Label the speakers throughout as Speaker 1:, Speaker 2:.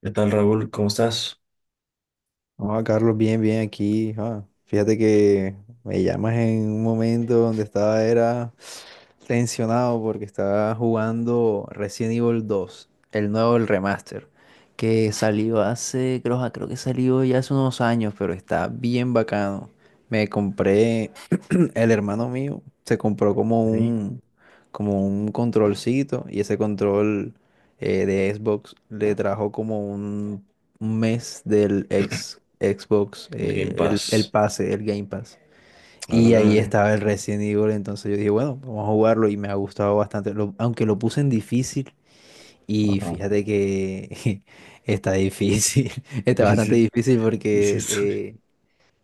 Speaker 1: ¿Qué tal, Raúl? ¿Cómo estás?
Speaker 2: No, Carlos, bien, bien aquí. Ah, fíjate que me llamas en un momento donde estaba era tensionado porque estaba jugando Resident Evil 2, el nuevo, el remaster, que salió hace, creo que salió ya hace unos años, pero está bien bacano. Me compré el hermano mío se compró como
Speaker 1: Sí,
Speaker 2: un, como un controlcito y ese control de Xbox le trajo como un mes del Xbox,
Speaker 1: el Game
Speaker 2: el
Speaker 1: Pass.
Speaker 2: pase, el Game Pass. Y
Speaker 1: Órale,
Speaker 2: ahí
Speaker 1: órale.
Speaker 2: estaba el Resident Evil, entonces yo dije, bueno, vamos a jugarlo y me ha gustado bastante, aunque lo puse en difícil y
Speaker 1: Ajá.
Speaker 2: fíjate que está difícil, está
Speaker 1: Sí,
Speaker 2: bastante
Speaker 1: sí,
Speaker 2: difícil
Speaker 1: y sí
Speaker 2: porque
Speaker 1: estoy.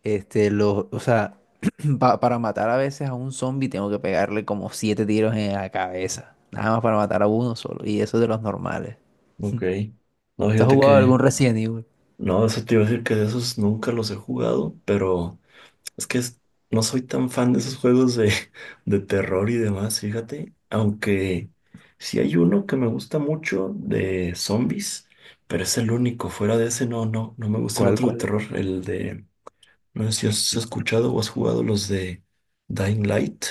Speaker 2: este, o sea, para matar a veces a un zombie tengo que pegarle como siete tiros en la cabeza. Nada más para matar a uno solo. Y eso de los normales.
Speaker 1: Ok. No,
Speaker 2: ¿Te has
Speaker 1: fíjate
Speaker 2: jugado algún
Speaker 1: que.
Speaker 2: Resident Evil?
Speaker 1: No, eso te iba a decir que de esos nunca los he jugado, pero es que no soy tan fan de esos juegos de, de terror y demás, fíjate. Aunque sí hay uno que me gusta mucho de zombies, pero es el único. Fuera de ese, no, no, no me gustan
Speaker 2: ¿Cuál,
Speaker 1: otros de
Speaker 2: cuál?
Speaker 1: terror. El de. No sé si has escuchado o has jugado los de Dying Light.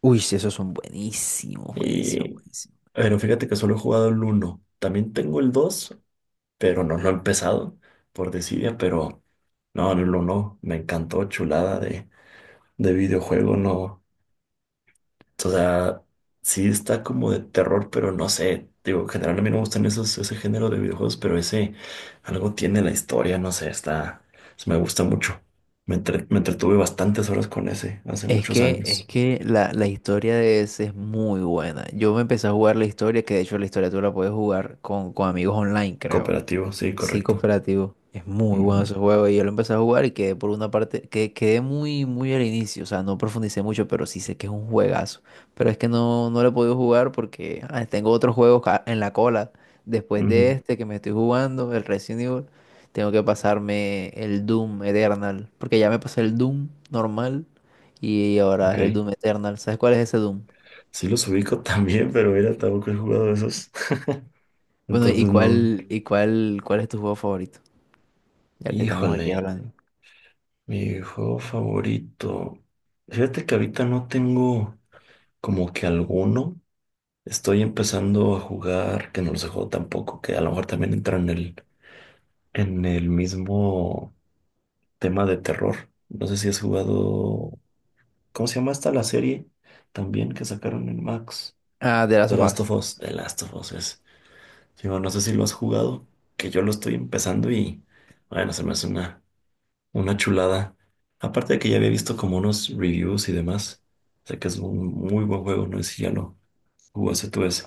Speaker 2: Uy, sí, esos son buenísimos, buenísimos,
Speaker 1: Y,
Speaker 2: buenísimos.
Speaker 1: pero fíjate que solo he jugado el uno. También tengo el dos, pero no lo he empezado por desidia, pero no, el uno me encantó, chulada de videojuego, no. O sea, sí está como de terror, pero no sé. Digo, en general a mí no me gustan esos, ese género de videojuegos, pero ese algo tiene la historia, no sé, está, me gusta mucho. Me entretuve bastantes horas con ese hace
Speaker 2: Es
Speaker 1: muchos
Speaker 2: que, es
Speaker 1: años.
Speaker 2: que la historia de ese es muy buena. Yo me empecé a jugar la historia, que de hecho la historia tú la puedes jugar con amigos online, creo.
Speaker 1: Cooperativo, sí,
Speaker 2: Sí,
Speaker 1: correcto.
Speaker 2: cooperativo. Es muy bueno
Speaker 1: Ujú,
Speaker 2: ese juego. Y yo lo empecé a jugar y quedé por una parte, que quedé muy, muy al inicio. O sea, no profundicé mucho, pero sí sé que es un juegazo. Pero es que no, no lo he podido jugar porque tengo otros juegos en la cola. Después de
Speaker 1: ujú,
Speaker 2: este que me estoy jugando, el Resident Evil, tengo que pasarme el Doom Eternal. Porque ya me pasé el Doom normal y ahora
Speaker 1: ok.
Speaker 2: es el Doom Eternal. ¿Sabes cuál es ese Doom?
Speaker 1: Sí los ubico también, pero mira, tampoco he jugado esos.
Speaker 2: Bueno, ¿y
Speaker 1: Entonces no.
Speaker 2: cuál, y cuál, cuál es tu juego favorito? Ya que estamos aquí
Speaker 1: Híjole,
Speaker 2: hablando.
Speaker 1: mi juego favorito. Fíjate que ahorita no tengo como que alguno. Estoy empezando a jugar, que no los he jugado tampoco, que a lo mejor también entra en el, mismo tema de terror. No sé si has jugado. ¿Cómo se llama esta la serie? También que sacaron en Max.
Speaker 2: Ah, de Last
Speaker 1: The
Speaker 2: of
Speaker 1: Last
Speaker 2: Us.
Speaker 1: of Us. The Last of Us es. Digo, no sé si lo has jugado, que yo lo estoy empezando y bueno, se me hace una chulada. Aparte de que ya había visto como unos reviews y demás, sé que es un muy buen juego, no sé si ya lo jugaste tú ese.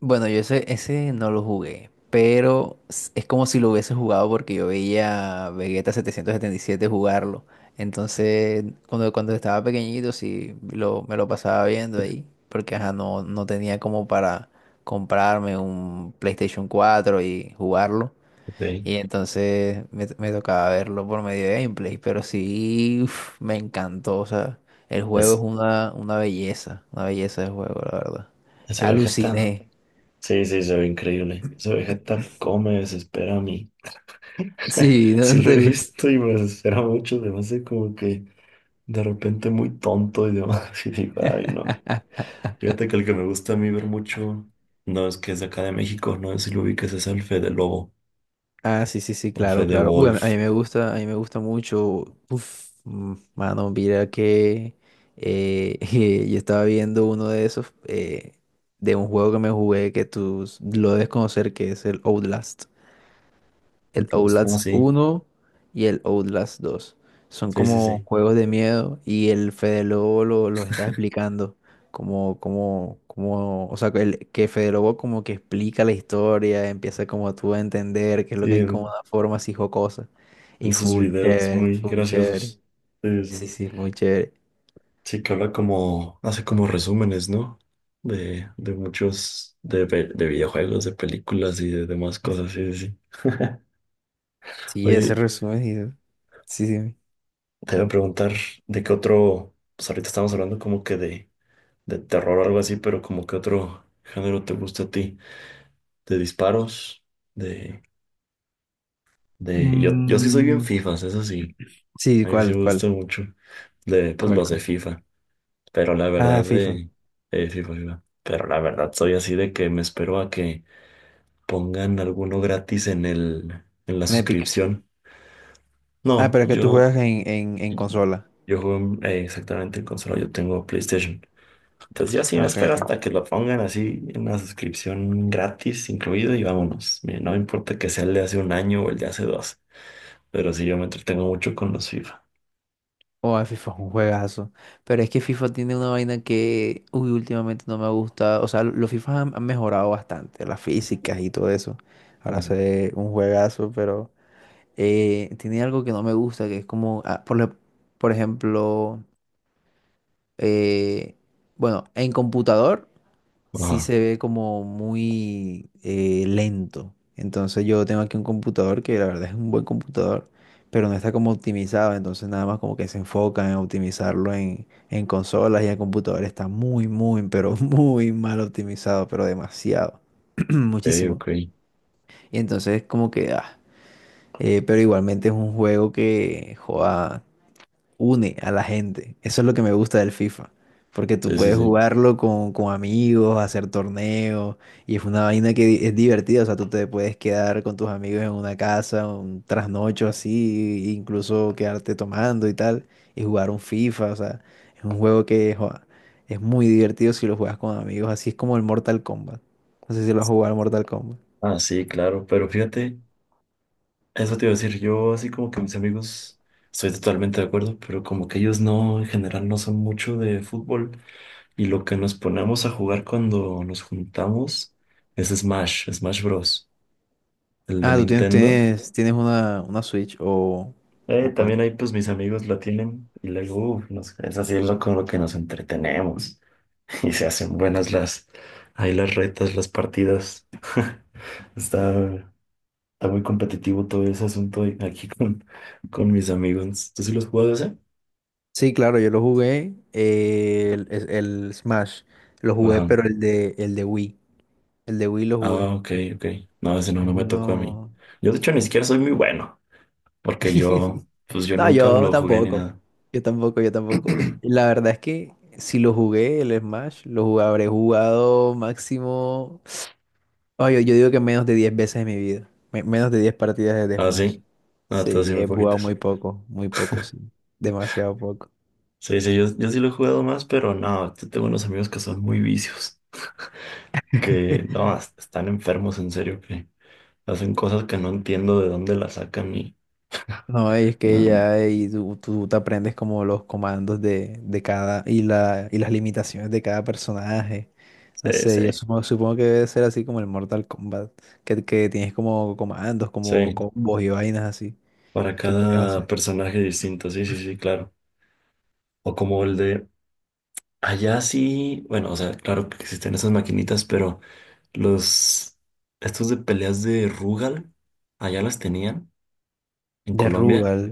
Speaker 2: Bueno, yo ese no lo jugué, pero es como si lo hubiese jugado porque yo veía a Vegeta 777 jugarlo. Entonces, cuando estaba pequeñito, sí, me lo pasaba viendo ahí, porque ajá, no, no tenía como para comprarme un PlayStation 4 y jugarlo.
Speaker 1: Ok.
Speaker 2: Y entonces me tocaba verlo por medio de gameplay, pero sí, uf, me encantó. O sea, el juego es
Speaker 1: Es,
Speaker 2: una belleza, una belleza de juego, la verdad.
Speaker 1: Ese Vegeta,
Speaker 2: Aluciné.
Speaker 1: sí, sí, se ve increíble. Ese Vegeta come, desespera a mí.
Speaker 2: Sí, no
Speaker 1: Sí lo he
Speaker 2: te gusta.
Speaker 1: visto y me desespera mucho, se me hace como que de repente muy tonto y demás, y digo, ay no. Fíjate que el que me gusta a mí ver mucho no es que es de acá de México, no sé si lo ubiques es el Fede Lobo
Speaker 2: Ah, sí, sí, sí,
Speaker 1: o
Speaker 2: claro,
Speaker 1: Fede
Speaker 2: claro. Uy, a mí
Speaker 1: Wolf.
Speaker 2: me gusta, a mí me gusta mucho. Uf, mano, mira que eh, yo estaba viendo uno de esos, de un juego que me jugué que tú lo debes conocer, que es el Outlast,
Speaker 1: Ok.
Speaker 2: el
Speaker 1: Ah,
Speaker 2: Outlast
Speaker 1: sí,
Speaker 2: uno y el Outlast 2. Son
Speaker 1: sí, sí,
Speaker 2: como
Speaker 1: sí.
Speaker 2: juegos de miedo y el Fede Lobo los está explicando. Como, o sea, que Fede Lobo como que explica la historia, empieza como tú a entender qué es lo que
Speaker 1: Sí,
Speaker 2: hay como
Speaker 1: en,
Speaker 2: una forma así jocosa. Y
Speaker 1: en sus
Speaker 2: full
Speaker 1: videos
Speaker 2: chévere,
Speaker 1: muy
Speaker 2: full chévere.
Speaker 1: graciosos. Sí, sí,
Speaker 2: Sí,
Speaker 1: sí.
Speaker 2: sí, muy chévere.
Speaker 1: Sí, que habla como, hace como resúmenes, ¿no? De muchos, de videojuegos, de películas y de demás cosas, sí, sí, sí.
Speaker 2: Sí, ese
Speaker 1: Oye,
Speaker 2: resumen. Sí, sí.
Speaker 1: te voy a preguntar de qué otro, pues ahorita estamos hablando como que de terror o algo así, pero como qué otro género te gusta a ti. De disparos, de, yo sí soy bien
Speaker 2: Mm,
Speaker 1: FIFAs, eso sí,
Speaker 2: sí,
Speaker 1: a mí sí
Speaker 2: ¿cuál,
Speaker 1: me
Speaker 2: cuál,
Speaker 1: gusta mucho, pues
Speaker 2: cuál,
Speaker 1: los de
Speaker 2: cuál?
Speaker 1: FIFA, pero la
Speaker 2: Ah,
Speaker 1: verdad
Speaker 2: FIFA,
Speaker 1: FIFA, FIFA, pero la verdad soy así de que me espero a que pongan alguno gratis en el, en la
Speaker 2: en Epic.
Speaker 1: suscripción.
Speaker 2: Ah,
Speaker 1: No,
Speaker 2: pero es que tú
Speaker 1: yo,
Speaker 2: juegas en consola.
Speaker 1: yo juego exactamente en consola, yo tengo PlayStation, entonces yo sí me
Speaker 2: Ah, ok,
Speaker 1: espero
Speaker 2: ok.
Speaker 1: hasta que lo pongan así en la suscripción gratis incluido y vámonos. Mira, no me importa que sea el de hace un año o el de hace dos. Pero sí, yo me entretengo mucho con los FIFA.
Speaker 2: O a FIFA es un juegazo. Pero es que FIFA tiene una vaina que, uy, últimamente no me ha gustado. O sea, los FIFA han mejorado bastante, las físicas y todo eso. Ahora se ve un juegazo, pero tiene algo que no me gusta, que es como, por ejemplo, eh, bueno, en computador. Sí
Speaker 1: Ajá,
Speaker 2: se ve como muy lento. Entonces yo tengo aquí un computador que la verdad es un buen computador, pero no está como optimizado. Entonces nada más como que se enfocan en optimizarlo en consolas y el computador está muy, muy, pero muy mal optimizado, pero demasiado.
Speaker 1: ok,
Speaker 2: Muchísimo.
Speaker 1: ok.
Speaker 2: Y entonces como que, pero igualmente es un juego que, joda, une a la gente. Eso es lo que me gusta del FIFA, porque tú
Speaker 1: Sí, sí,
Speaker 2: puedes
Speaker 1: sí.
Speaker 2: jugarlo con amigos, hacer torneos, y es una vaina que es divertida, o sea, tú te puedes quedar con tus amigos en una casa, un trasnocho así, e incluso quedarte tomando y tal, y jugar un FIFA, o sea, es un juego que joa, es muy divertido si lo juegas con amigos, así es como el Mortal Kombat. No sé si lo has jugado al Mortal Kombat.
Speaker 1: Ah, sí, claro. Pero fíjate, eso te iba a decir, yo así como que mis amigos, estoy totalmente de acuerdo, pero como que ellos no, en general no son mucho de fútbol. Y lo que nos ponemos a jugar cuando nos juntamos es Smash, Smash Bros. El de
Speaker 2: Ah, tú tienes,
Speaker 1: Nintendo.
Speaker 2: tienes, tienes una Switch o, o cuál.
Speaker 1: También ahí pues mis amigos la tienen y luego uf, es así lo, con lo que nos entretenemos. Y se hacen buenas ahí las retas, las partidas. Está, está muy competitivo todo ese asunto aquí con mis amigos. ¿Tú sí los juegas ese?
Speaker 2: Sí, claro, yo lo jugué, el Smash, lo jugué,
Speaker 1: Ajá.
Speaker 2: pero el de Wii, el de Wii lo
Speaker 1: Ah,
Speaker 2: jugué.
Speaker 1: ok, ok. No, ese no,
Speaker 2: Es
Speaker 1: no me tocó a mí.
Speaker 2: uno.
Speaker 1: Yo, de hecho, ni siquiera soy muy bueno, porque pues yo
Speaker 2: No,
Speaker 1: nunca
Speaker 2: yo
Speaker 1: lo jugué ni
Speaker 2: tampoco,
Speaker 1: nada.
Speaker 2: yo tampoco, yo tampoco. Y la verdad es que si lo jugué, el Smash, habré jugado máximo. Oye, yo digo que menos de 10 veces en mi vida, menos de 10 partidas de
Speaker 1: Ah,
Speaker 2: Smash.
Speaker 1: sí. Ah, todas
Speaker 2: Sí,
Speaker 1: sí, muy
Speaker 2: he jugado
Speaker 1: poquitas.
Speaker 2: muy poco, sí, demasiado poco.
Speaker 1: Sí, sí, yo sí lo he jugado más, pero no, tengo unos amigos que son muy vicios, que no, están enfermos, en serio, que hacen cosas que no entiendo de dónde las sacan y.
Speaker 2: No, es que
Speaker 1: No,
Speaker 2: ya ahí tú te aprendes como los comandos de cada y las limitaciones de cada personaje. No
Speaker 1: sí,
Speaker 2: sé, yo
Speaker 1: sí,
Speaker 2: supongo que debe ser así como el Mortal Kombat, que tienes como comandos, como
Speaker 1: sí.
Speaker 2: combos y vainas así
Speaker 1: Para
Speaker 2: que puedes
Speaker 1: cada
Speaker 2: hacer.
Speaker 1: personaje distinto, sí, sí, sí, claro. O como el de allá sí, bueno, o sea, claro que existen esas maquinitas, pero los, estos de peleas de Rugal, allá las tenían en
Speaker 2: De
Speaker 1: Colombia.
Speaker 2: Rugal,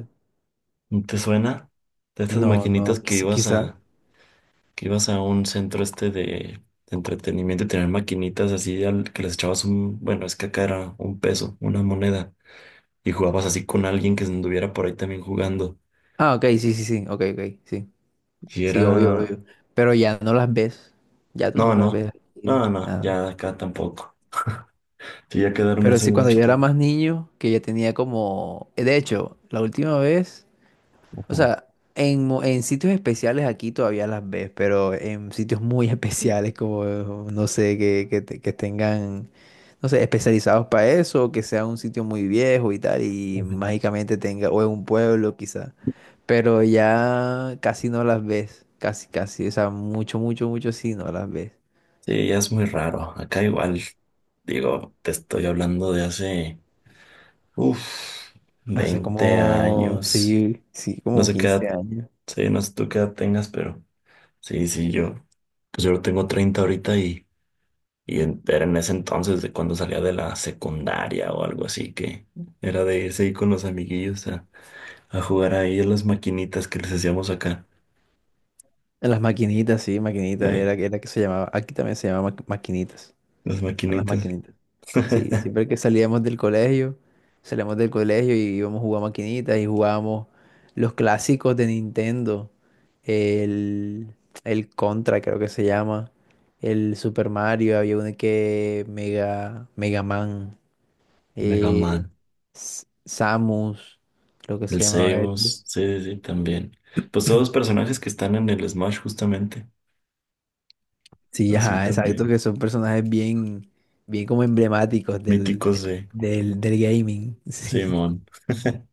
Speaker 1: ¿No? ¿Te suena? De estas
Speaker 2: no, no,
Speaker 1: maquinitas que ibas
Speaker 2: quizá.
Speaker 1: a, que ibas a un centro este de, entretenimiento y tenían maquinitas así al que les echabas un, bueno, es que acá era un peso, una moneda, y jugabas así con alguien que anduviera por ahí también jugando.
Speaker 2: Ah, ok, sí, sí, sí, ok, ok, sí,
Speaker 1: Y
Speaker 2: sí, obvio,
Speaker 1: era.
Speaker 2: obvio. Pero ya no las ves, ya tú
Speaker 1: No,
Speaker 2: no las
Speaker 1: no,
Speaker 2: ves aquí,
Speaker 1: no, no,
Speaker 2: nada.
Speaker 1: ya acá tampoco. Sí, ya quedaron
Speaker 2: Pero
Speaker 1: hace
Speaker 2: sí, cuando
Speaker 1: mucho
Speaker 2: yo era
Speaker 1: tiempo.
Speaker 2: más niño, que ya tenía como, de hecho, la última vez. O
Speaker 1: Ajá.
Speaker 2: sea, en sitios especiales aquí todavía las ves, pero en sitios muy especiales como, no sé, que tengan, no sé, especializados para eso, o que sea un sitio muy viejo y tal, y
Speaker 1: Ujú.
Speaker 2: mágicamente tenga, o en un pueblo quizá, pero ya casi no las ves, casi, casi, o sea, mucho, mucho, mucho sí no las ves.
Speaker 1: Sí, ya es muy raro. Acá igual, digo, te estoy hablando de hace, uff,
Speaker 2: Hace
Speaker 1: 20
Speaker 2: como,
Speaker 1: años.
Speaker 2: sí, sí,
Speaker 1: No
Speaker 2: como
Speaker 1: sé qué
Speaker 2: 15
Speaker 1: edad,
Speaker 2: años.
Speaker 1: sí, no sé tú qué edad tengas, pero sí, sí, pues yo tengo 30 ahorita y era en ese entonces de cuando salía de la secundaria o algo así, que era de irse ahí con los amiguillos a jugar ahí a las maquinitas que les hacíamos acá.
Speaker 2: En las maquinitas, sí, maquinitas,
Speaker 1: Eh,
Speaker 2: era que se llamaba, aquí también se llamaba maquinitas.
Speaker 1: Las
Speaker 2: Eran las
Speaker 1: maquinitas.
Speaker 2: maquinitas. Sí, siempre que salíamos del colegio y íbamos a jugar maquinitas y jugábamos los clásicos de Nintendo, el, el Contra creo que se llama, el Super Mario, había uno que Mega Man,
Speaker 1: Mega
Speaker 2: eh,
Speaker 1: Man.
Speaker 2: Samus, creo que
Speaker 1: El
Speaker 2: se llamaba este.
Speaker 1: Zeus. Sí, sí, sí, también. Pues todos los personajes que están en el Smash, justamente.
Speaker 2: Sí,
Speaker 1: Así
Speaker 2: ajá, exacto,
Speaker 1: también.
Speaker 2: que son personajes bien, bien como emblemáticos del,
Speaker 1: Míticos
Speaker 2: del,
Speaker 1: de
Speaker 2: del del gaming. Sí.
Speaker 1: Simón.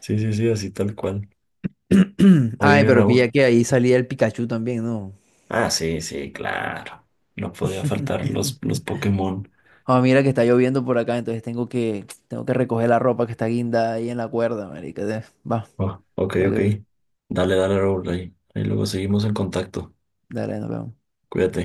Speaker 1: Sí, sí, sí, así tal cual.
Speaker 2: Ay,
Speaker 1: Oye,
Speaker 2: pero pilla
Speaker 1: Raúl.
Speaker 2: que ahí salía el Pikachu también, ¿no?
Speaker 1: Ah, sí, sí, claro. No podía faltar los Pokémon.
Speaker 2: Ah, mira que está lloviendo por acá, entonces tengo que recoger la ropa que está guinda ahí en la cuerda, marica. Va,
Speaker 1: Oh, ok,
Speaker 2: tengo
Speaker 1: ok.
Speaker 2: que ir.
Speaker 1: Dale, dale, Raúl. Ahí, ahí luego seguimos en contacto.
Speaker 2: Dale, nos vemos.
Speaker 1: Cuídate.